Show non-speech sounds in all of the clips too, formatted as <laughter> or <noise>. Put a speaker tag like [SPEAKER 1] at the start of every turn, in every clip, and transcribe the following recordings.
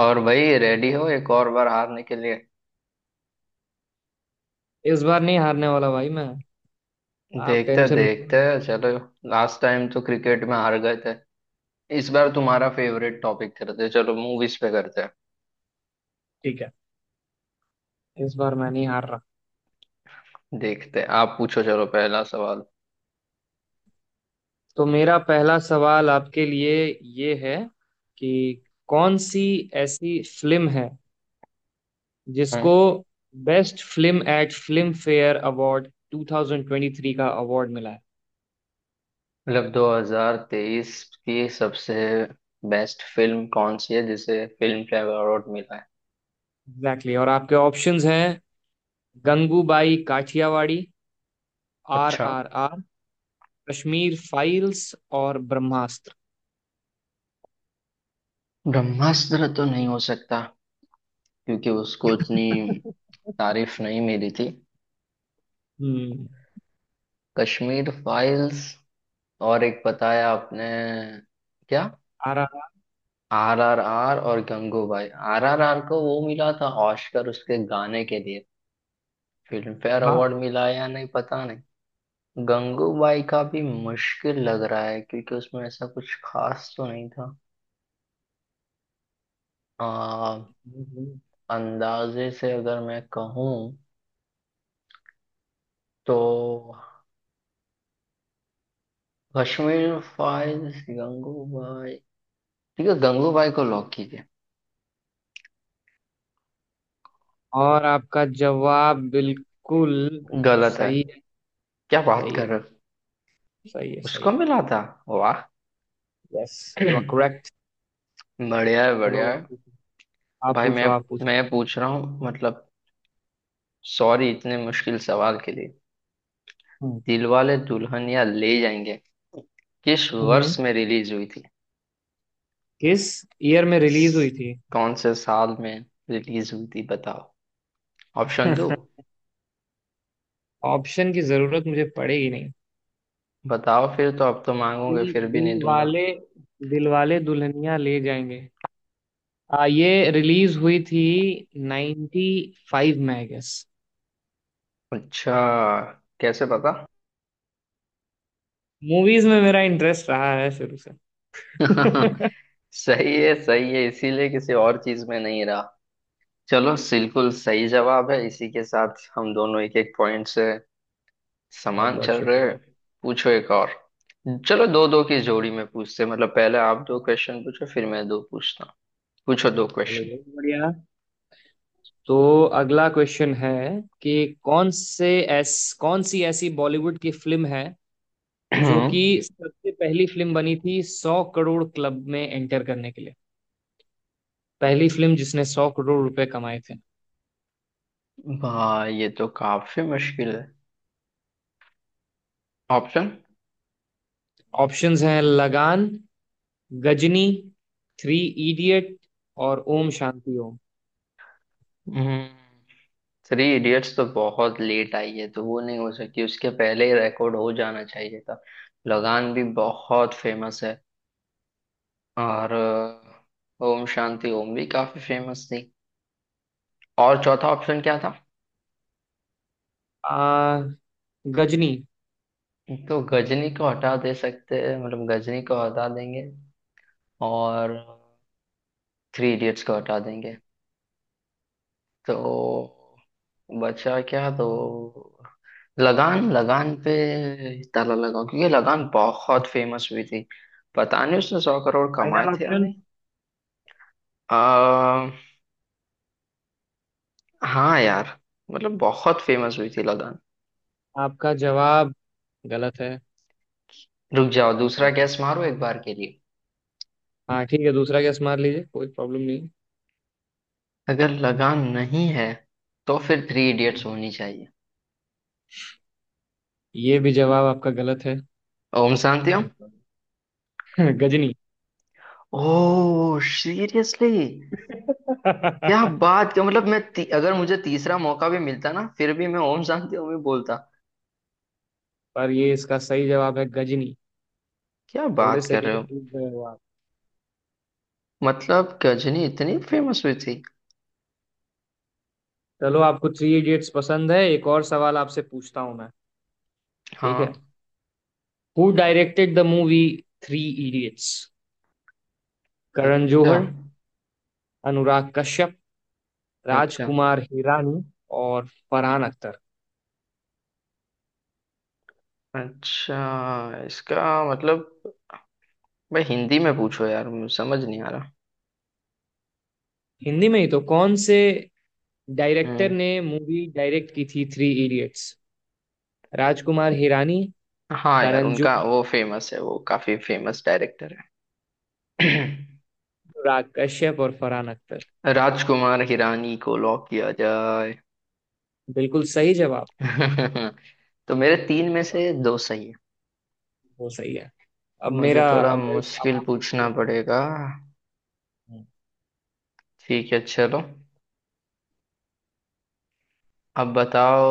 [SPEAKER 1] और भाई रेडी हो एक और बार हारने के लिए।
[SPEAKER 2] इस बार नहीं हारने वाला भाई मैं। आप
[SPEAKER 1] देखते
[SPEAKER 2] टेंशन मत
[SPEAKER 1] देखते।
[SPEAKER 2] लो।
[SPEAKER 1] चलो, लास्ट टाइम तो क्रिकेट में हार गए थे। इस बार तुम्हारा फेवरेट टॉपिक करते हैं। चलो, मूवीज पे करते हैं।
[SPEAKER 2] ठीक है। इस बार मैं नहीं हार रहा।
[SPEAKER 1] देखते हैं, आप पूछो। चलो, पहला सवाल।
[SPEAKER 2] तो मेरा पहला सवाल आपके लिए ये है कि कौन सी ऐसी फिल्म है
[SPEAKER 1] हम्म।
[SPEAKER 2] जिसको best film at Filmfare award 2023 का अवार्ड मिला है।
[SPEAKER 1] मतलब 2023 की सबसे बेस्ट फिल्म कौन सी है जिसे फिल्म फेयर अवार्ड मिला है?
[SPEAKER 2] Exactly exactly। और आपके ऑप्शंस हैं: गंगूबाई काठियावाड़ी, आर
[SPEAKER 1] अच्छा।
[SPEAKER 2] आर आर, कश्मीर फाइल्स और ब्रह्मास्त्र।
[SPEAKER 1] ब्रह्मास्त्र तो नहीं हो सकता, क्योंकि उसको इतनी
[SPEAKER 2] <laughs>
[SPEAKER 1] तारीफ नहीं मिली थी।
[SPEAKER 2] हम्म।
[SPEAKER 1] कश्मीर फाइल्स, और एक बताया आपने क्या?
[SPEAKER 2] R R.
[SPEAKER 1] R R R और गंगूबाई। आर आर आर को वो मिला था ऑस्कर उसके गाने के लिए। फिल्म फेयर
[SPEAKER 2] हाँ।
[SPEAKER 1] अवार्ड मिला है या नहीं, पता नहीं। गंगूबाई का भी मुश्किल लग रहा है, क्योंकि उसमें ऐसा कुछ खास तो नहीं था। आ, अंदाजे से अगर मैं कहूँ तो कश्मीर फाइल्स, गंगूबाई। ठीक है, गंगूबाई को लॉक कीजिए।
[SPEAKER 2] और आपका जवाब बिल्कुल
[SPEAKER 1] गलत है?
[SPEAKER 2] सही है।
[SPEAKER 1] क्या बात
[SPEAKER 2] सही
[SPEAKER 1] कर
[SPEAKER 2] है।
[SPEAKER 1] रहे हो!
[SPEAKER 2] सही है
[SPEAKER 1] उसको
[SPEAKER 2] सही है।
[SPEAKER 1] मिला था? वाह!
[SPEAKER 2] यस। You are
[SPEAKER 1] <clears throat>
[SPEAKER 2] correct.
[SPEAKER 1] बढ़िया है,
[SPEAKER 2] चलो,
[SPEAKER 1] बढ़िया है।
[SPEAKER 2] आप
[SPEAKER 1] भाई, मैं
[SPEAKER 2] पूछो आप पूछो आप पूछो।
[SPEAKER 1] मैं पूछ रहा हूँ, मतलब सॉरी इतने मुश्किल सवाल के लिए।
[SPEAKER 2] हम्म।
[SPEAKER 1] दिलवाले दुल्हनिया ले जाएंगे किस
[SPEAKER 2] हम्म।
[SPEAKER 1] वर्ष में रिलीज हुई थी?
[SPEAKER 2] किस ईयर में रिलीज हुई
[SPEAKER 1] स-
[SPEAKER 2] थी?
[SPEAKER 1] कौन से साल में रिलीज हुई थी बताओ, ऑप्शन दो।
[SPEAKER 2] <laughs> ऑप्शन की जरूरत मुझे पड़ेगी नहीं।
[SPEAKER 1] बताओ फिर, तो अब तो मांगोगे
[SPEAKER 2] दिल
[SPEAKER 1] फिर भी नहीं दूंगा।
[SPEAKER 2] दिल वाले दुल्हनिया ले जाएंगे। ये रिलीज हुई थी 95 फाइव में, आई गेस।
[SPEAKER 1] अच्छा, कैसे पता?
[SPEAKER 2] मूवीज में मेरा इंटरेस्ट रहा है शुरू से, <laughs>
[SPEAKER 1] <laughs>
[SPEAKER 2] बहुत।
[SPEAKER 1] सही है, सही है। इसीलिए किसी और चीज में नहीं रहा। चलो, बिल्कुल सही जवाब है। इसी के साथ हम दोनों एक एक पॉइंट से समान
[SPEAKER 2] बहुत
[SPEAKER 1] चल रहे
[SPEAKER 2] शुक्रिया।
[SPEAKER 1] हैं। पूछो एक और। चलो, दो दो की जोड़ी में पूछते हैं। मतलब पहले आप दो क्वेश्चन पूछो, फिर मैं दो पूछता हूँ। पूछो दो
[SPEAKER 2] चलो,
[SPEAKER 1] क्वेश्चन।
[SPEAKER 2] ये भी बढ़िया। तो अगला क्वेश्चन है कि कौन से ऐस कौन सी ऐसी बॉलीवुड की फिल्म है जो कि
[SPEAKER 1] <clears throat>
[SPEAKER 2] सबसे पहली फिल्म बनी थी 100 करोड़ क्लब में एंटर करने के लिए, पहली फिल्म जिसने 100 करोड़ रुपए कमाए थे।
[SPEAKER 1] वाह, ये तो काफी मुश्किल है। ऑप्शन?
[SPEAKER 2] ऑप्शंस हैं: लगान, गजनी, थ्री इडियट और ओम शांति ओम।
[SPEAKER 1] थ्री इडियट्स तो बहुत लेट आई है तो वो नहीं हो सकती, उसके पहले ही रिकॉर्ड हो जाना चाहिए था। लगान भी बहुत फेमस है, और ओम शांति ओम भी काफी फेमस थी। और चौथा ऑप्शन क्या था?
[SPEAKER 2] आ, गजनी।
[SPEAKER 1] तो गजनी को हटा दे सकते हैं, मतलब गजनी को हटा देंगे और थ्री इडियट्स को हटा देंगे, तो बचा क्या? तो लगान, लगान पे ताला लगाओ क्योंकि लगान बहुत फेमस हुई थी। पता नहीं उसने 100 करोड़ कमाए
[SPEAKER 2] फाइनल
[SPEAKER 1] थे या
[SPEAKER 2] ऑप्शन।
[SPEAKER 1] नहीं। आ, हाँ यार, मतलब बहुत फेमस हुई थी लगान।
[SPEAKER 2] आपका जवाब गलत है।
[SPEAKER 1] रुक जाओ, दूसरा गैस
[SPEAKER 2] अनफॉर्चुनेट।
[SPEAKER 1] मारो एक बार के लिए।
[SPEAKER 2] हाँ ठीक है, दूसरा गैस मार लीजिए, कोई प्रॉब्लम नहीं
[SPEAKER 1] अगर लगान नहीं है तो फिर थ्री इडियट्स
[SPEAKER 2] है।
[SPEAKER 1] होनी चाहिए।
[SPEAKER 2] ये भी जवाब आपका गलत है।
[SPEAKER 1] Om Shanti Om?
[SPEAKER 2] I'm sorry। <laughs> Ghazni.
[SPEAKER 1] Oh, seriously!
[SPEAKER 2] <laughs>
[SPEAKER 1] क्या बात! क्या मतलब, मैं अगर मुझे तीसरा मौका भी मिलता ना, फिर भी मैं ओम शांति ओम ही बोलता।
[SPEAKER 2] पर ये इसका सही जवाब है, गजनी।
[SPEAKER 1] क्या
[SPEAKER 2] थोड़े
[SPEAKER 1] बात
[SPEAKER 2] से
[SPEAKER 1] कर
[SPEAKER 2] के
[SPEAKER 1] रहे
[SPEAKER 2] लिए
[SPEAKER 1] हो!
[SPEAKER 2] चूक गए हो आप।
[SPEAKER 1] मतलब गजनी इतनी फेमस हुई थी?
[SPEAKER 2] चलो, आपको थ्री इडियट्स पसंद है, एक और सवाल आपसे पूछता हूं मैं। ठीक है।
[SPEAKER 1] हाँ।
[SPEAKER 2] Who directed the movie three idiots? Karan
[SPEAKER 1] अच्छा,
[SPEAKER 2] जौहर, अनुराग कश्यप,
[SPEAKER 1] अच्छा,
[SPEAKER 2] राजकुमार हिरानी और फरहान अख्तर।
[SPEAKER 1] अच्छा। इसका मतलब, मैं हिंदी में पूछो यार, मुझे समझ नहीं आ रहा।
[SPEAKER 2] हिंदी में ही तो। कौन से डायरेक्टर
[SPEAKER 1] हम्म,
[SPEAKER 2] ने मूवी डायरेक्ट की थी थ्री इडियट्स? राजकुमार हिरानी,
[SPEAKER 1] हाँ यार,
[SPEAKER 2] करण
[SPEAKER 1] उनका
[SPEAKER 2] जौहर,
[SPEAKER 1] वो फेमस है, वो काफी फेमस डायरेक्टर है।
[SPEAKER 2] अनुराग कश्यप और फरहान अख्तर।
[SPEAKER 1] <clears throat> राजकुमार हिरानी को लॉक किया जाए।
[SPEAKER 2] बिल्कुल सही जवाब।
[SPEAKER 1] <laughs> तो मेरे तीन में से दो सही है।
[SPEAKER 2] वो सही है।
[SPEAKER 1] अब मुझे थोड़ा
[SPEAKER 2] अब
[SPEAKER 1] मुश्किल
[SPEAKER 2] आप
[SPEAKER 1] पूछना
[SPEAKER 2] पूछोगे मेरे
[SPEAKER 1] पड़ेगा। ठीक है, चलो। अब बताओ,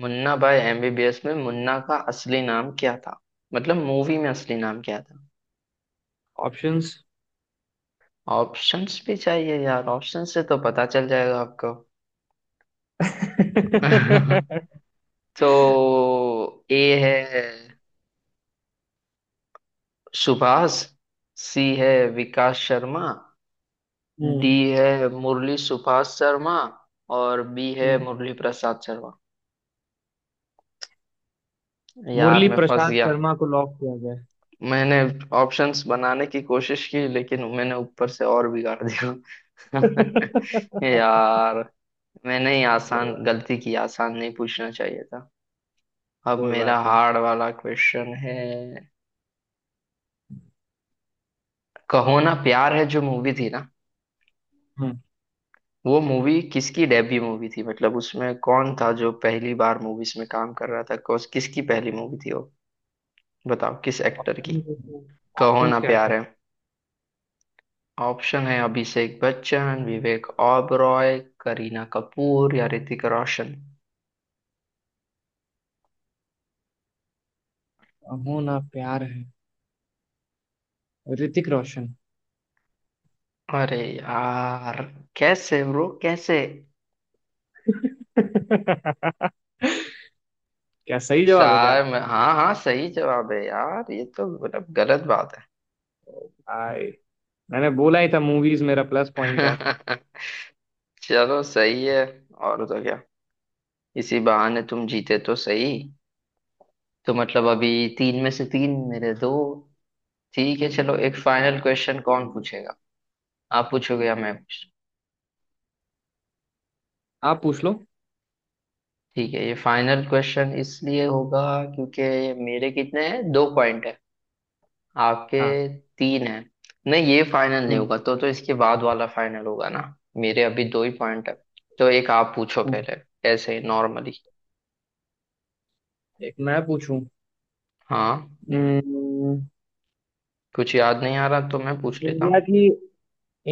[SPEAKER 1] मुन्ना भाई एमबीबीएस में मुन्ना का असली नाम क्या था? मतलब मूवी में असली नाम क्या था?
[SPEAKER 2] ऑप्शंस।
[SPEAKER 1] ऑप्शंस भी चाहिए यार? ऑप्शन से तो पता चल जाएगा आपको। <laughs>
[SPEAKER 2] हम्म।
[SPEAKER 1] तो ए है सुभाष, सी है विकास शर्मा, डी
[SPEAKER 2] <laughs>
[SPEAKER 1] है मुरली सुभाष शर्मा, और बी है
[SPEAKER 2] हम्म।
[SPEAKER 1] मुरली प्रसाद शर्मा। यार,
[SPEAKER 2] मुरली
[SPEAKER 1] मैं फंस
[SPEAKER 2] प्रसाद
[SPEAKER 1] गया।
[SPEAKER 2] शर्मा को लॉक किया जाए।
[SPEAKER 1] मैंने ऑप्शंस बनाने की कोशिश की, लेकिन मैंने ऊपर से और बिगाड़ दिया <laughs>
[SPEAKER 2] <laughs>
[SPEAKER 1] यार। मैंने ही
[SPEAKER 2] कोई
[SPEAKER 1] आसान
[SPEAKER 2] बात
[SPEAKER 1] गलती की, आसान नहीं पूछना चाहिए था। अब
[SPEAKER 2] कोई
[SPEAKER 1] मेरा
[SPEAKER 2] बात नहीं।
[SPEAKER 1] हार्ड वाला क्वेश्चन है। कहो ना प्यार है जो मूवी थी ना,
[SPEAKER 2] हम्म।
[SPEAKER 1] वो मूवी किसकी डेब्यू मूवी थी? मतलब उसमें कौन था जो पहली बार मूवीज में काम कर रहा था? कौस किसकी पहली मूवी थी वो, बताओ किस एक्टर की,
[SPEAKER 2] ऑप्शंस
[SPEAKER 1] कहो
[SPEAKER 2] ऑप्शंस
[SPEAKER 1] ना
[SPEAKER 2] क्या क्या?
[SPEAKER 1] प्यार है। ऑप्शन है अभिषेक बच्चन, विवेक ओबरॉय, करीना कपूर या ऋतिक रोशन।
[SPEAKER 2] है? हो ना प्यार है। ऋतिक रोशन।
[SPEAKER 1] अरे यार! कैसे ब्रो, कैसे!
[SPEAKER 2] <laughs> क्या सही जवाब है क्या?
[SPEAKER 1] सार में हाँ हाँ, सही जवाब है यार, ये तो मतलब गलत बात
[SPEAKER 2] ओ भाई! मैंने बोला ही था, मूवीज मेरा प्लस पॉइंट है।
[SPEAKER 1] है। <laughs> चलो, सही है। और तो क्या, इसी बहाने तुम जीते तो सही। तो मतलब अभी तीन में से तीन, मेरे दो। ठीक है, चलो, एक फाइनल क्वेश्चन। कौन पूछेगा, आप पूछोगे या मैं पूछूं?
[SPEAKER 2] आप पूछ लो।
[SPEAKER 1] ठीक है, ये फाइनल क्वेश्चन इसलिए होगा क्योंकि मेरे कितने हैं, दो पॉइंट है, आपके
[SPEAKER 2] हाँ।
[SPEAKER 1] तीन है। नहीं, ये फाइनल नहीं होगा, तो इसके बाद वाला फाइनल होगा ना। मेरे अभी दो ही पॉइंट है। तो एक आप पूछो
[SPEAKER 2] हम्म।
[SPEAKER 1] पहले, ऐसे नॉर्मली।
[SPEAKER 2] एक मैं पूछूं।
[SPEAKER 1] हाँ।
[SPEAKER 2] हम्म,
[SPEAKER 1] कुछ याद नहीं आ रहा तो मैं पूछ लेता
[SPEAKER 2] इंडिया
[SPEAKER 1] हूँ।
[SPEAKER 2] की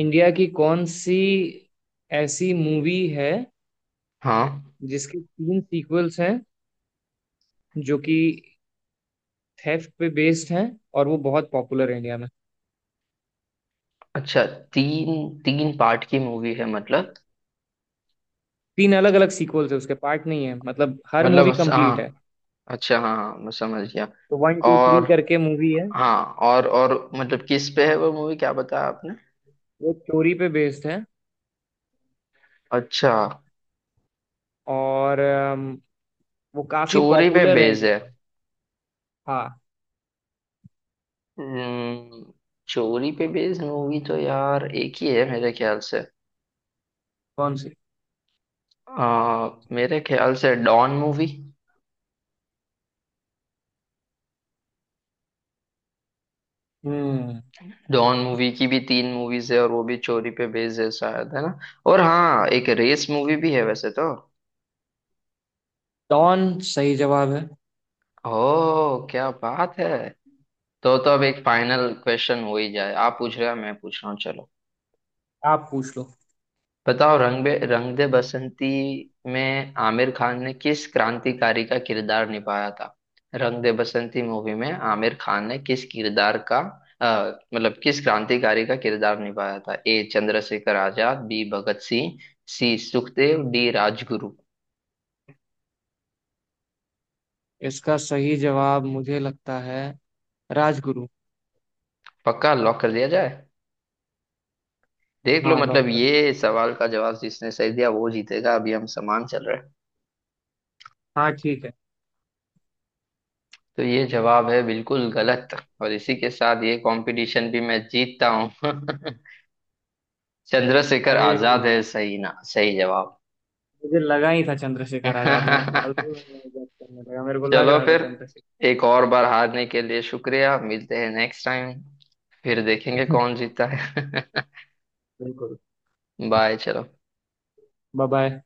[SPEAKER 2] इंडिया की कौन सी ऐसी मूवी है
[SPEAKER 1] हाँ।
[SPEAKER 2] जिसके तीन सीक्वल्स हैं, जो कि थेफ्ट पे बेस्ड हैं, और वो बहुत पॉपुलर है इंडिया में।
[SPEAKER 1] अच्छा, तीन, तीन पार्ट की मूवी है मतलब?
[SPEAKER 2] तीन अलग अलग सीक्वल्स है, उसके पार्ट नहीं है, मतलब हर
[SPEAKER 1] मतलब
[SPEAKER 2] मूवी कंप्लीट है।
[SPEAKER 1] हाँ। अच्छा, हाँ हाँ, मैं समझ गया।
[SPEAKER 2] तो वन टू
[SPEAKER 1] और
[SPEAKER 2] थ्री करके मूवी है।
[SPEAKER 1] हाँ, और मतलब किस पे है वो मूवी, क्या बताया आपने?
[SPEAKER 2] वो चोरी पे बेस्ड है।
[SPEAKER 1] अच्छा,
[SPEAKER 2] और वो काफी
[SPEAKER 1] चोरी पे
[SPEAKER 2] पॉपुलर है
[SPEAKER 1] बेस्ड है।
[SPEAKER 2] इंडिया में। हाँ।
[SPEAKER 1] हम्म, चोरी पे बेस्ड मूवी तो यार एक ही है मेरे ख्याल से।
[SPEAKER 2] कौन सी?
[SPEAKER 1] मेरे ख्याल से डॉन मूवी।
[SPEAKER 2] हम्म।
[SPEAKER 1] डॉन मूवी की भी तीन मूवीज है और वो भी चोरी पे बेस्ड है शायद, है ना? और हाँ, एक रेस मूवी भी है वैसे तो।
[SPEAKER 2] डॉन सही जवाब है।
[SPEAKER 1] ओ, क्या बात है! तो अब एक फाइनल क्वेश्चन हो ही जाए। आप पूछ रहे हैं, मैं पूछ रहा हूँ, चलो।
[SPEAKER 2] आप पूछ लो।
[SPEAKER 1] बताओ, रंग दे बसंती में आमिर खान ने किस क्रांतिकारी का किरदार निभाया था? रंग दे बसंती मूवी में आमिर खान ने किस किरदार का, मतलब किस क्रांतिकारी का किरदार निभाया था? A Chandrashekhar Azad, B Bhagat Singh, C Sukhdev, D Rajguru.
[SPEAKER 2] इसका सही जवाब मुझे लगता है राजगुरु।
[SPEAKER 1] पक्का, लॉक कर दिया जाए? देख लो,
[SPEAKER 2] हाँ, लॉक
[SPEAKER 1] मतलब
[SPEAKER 2] कर
[SPEAKER 1] ये
[SPEAKER 2] दीजिए।
[SPEAKER 1] सवाल का जवाब जिसने सही दिया वो जीतेगा, अभी हम समान चल रहे हैं।
[SPEAKER 2] हाँ ठीक है।
[SPEAKER 1] तो ये जवाब है बिल्कुल गलत, और इसी के साथ ये कंपटीशन भी मैं जीतता हूँ। <laughs> चंद्रशेखर
[SPEAKER 2] अरे,
[SPEAKER 1] आजाद है सही ना, सही जवाब।
[SPEAKER 2] मुझे लगा ही था चंद्रशेखर आजाद, मैं फालतू में
[SPEAKER 1] <laughs>
[SPEAKER 2] मजाक करने लगा, मेरे को लग
[SPEAKER 1] चलो
[SPEAKER 2] रहा था
[SPEAKER 1] फिर,
[SPEAKER 2] चंद्रशेखर।
[SPEAKER 1] एक और बार हारने के लिए शुक्रिया। मिलते हैं नेक्स्ट टाइम, फिर देखेंगे कौन जीता है। <laughs>
[SPEAKER 2] <laughs> बिल्कुल।
[SPEAKER 1] बाय, चलो।
[SPEAKER 2] Bye bye.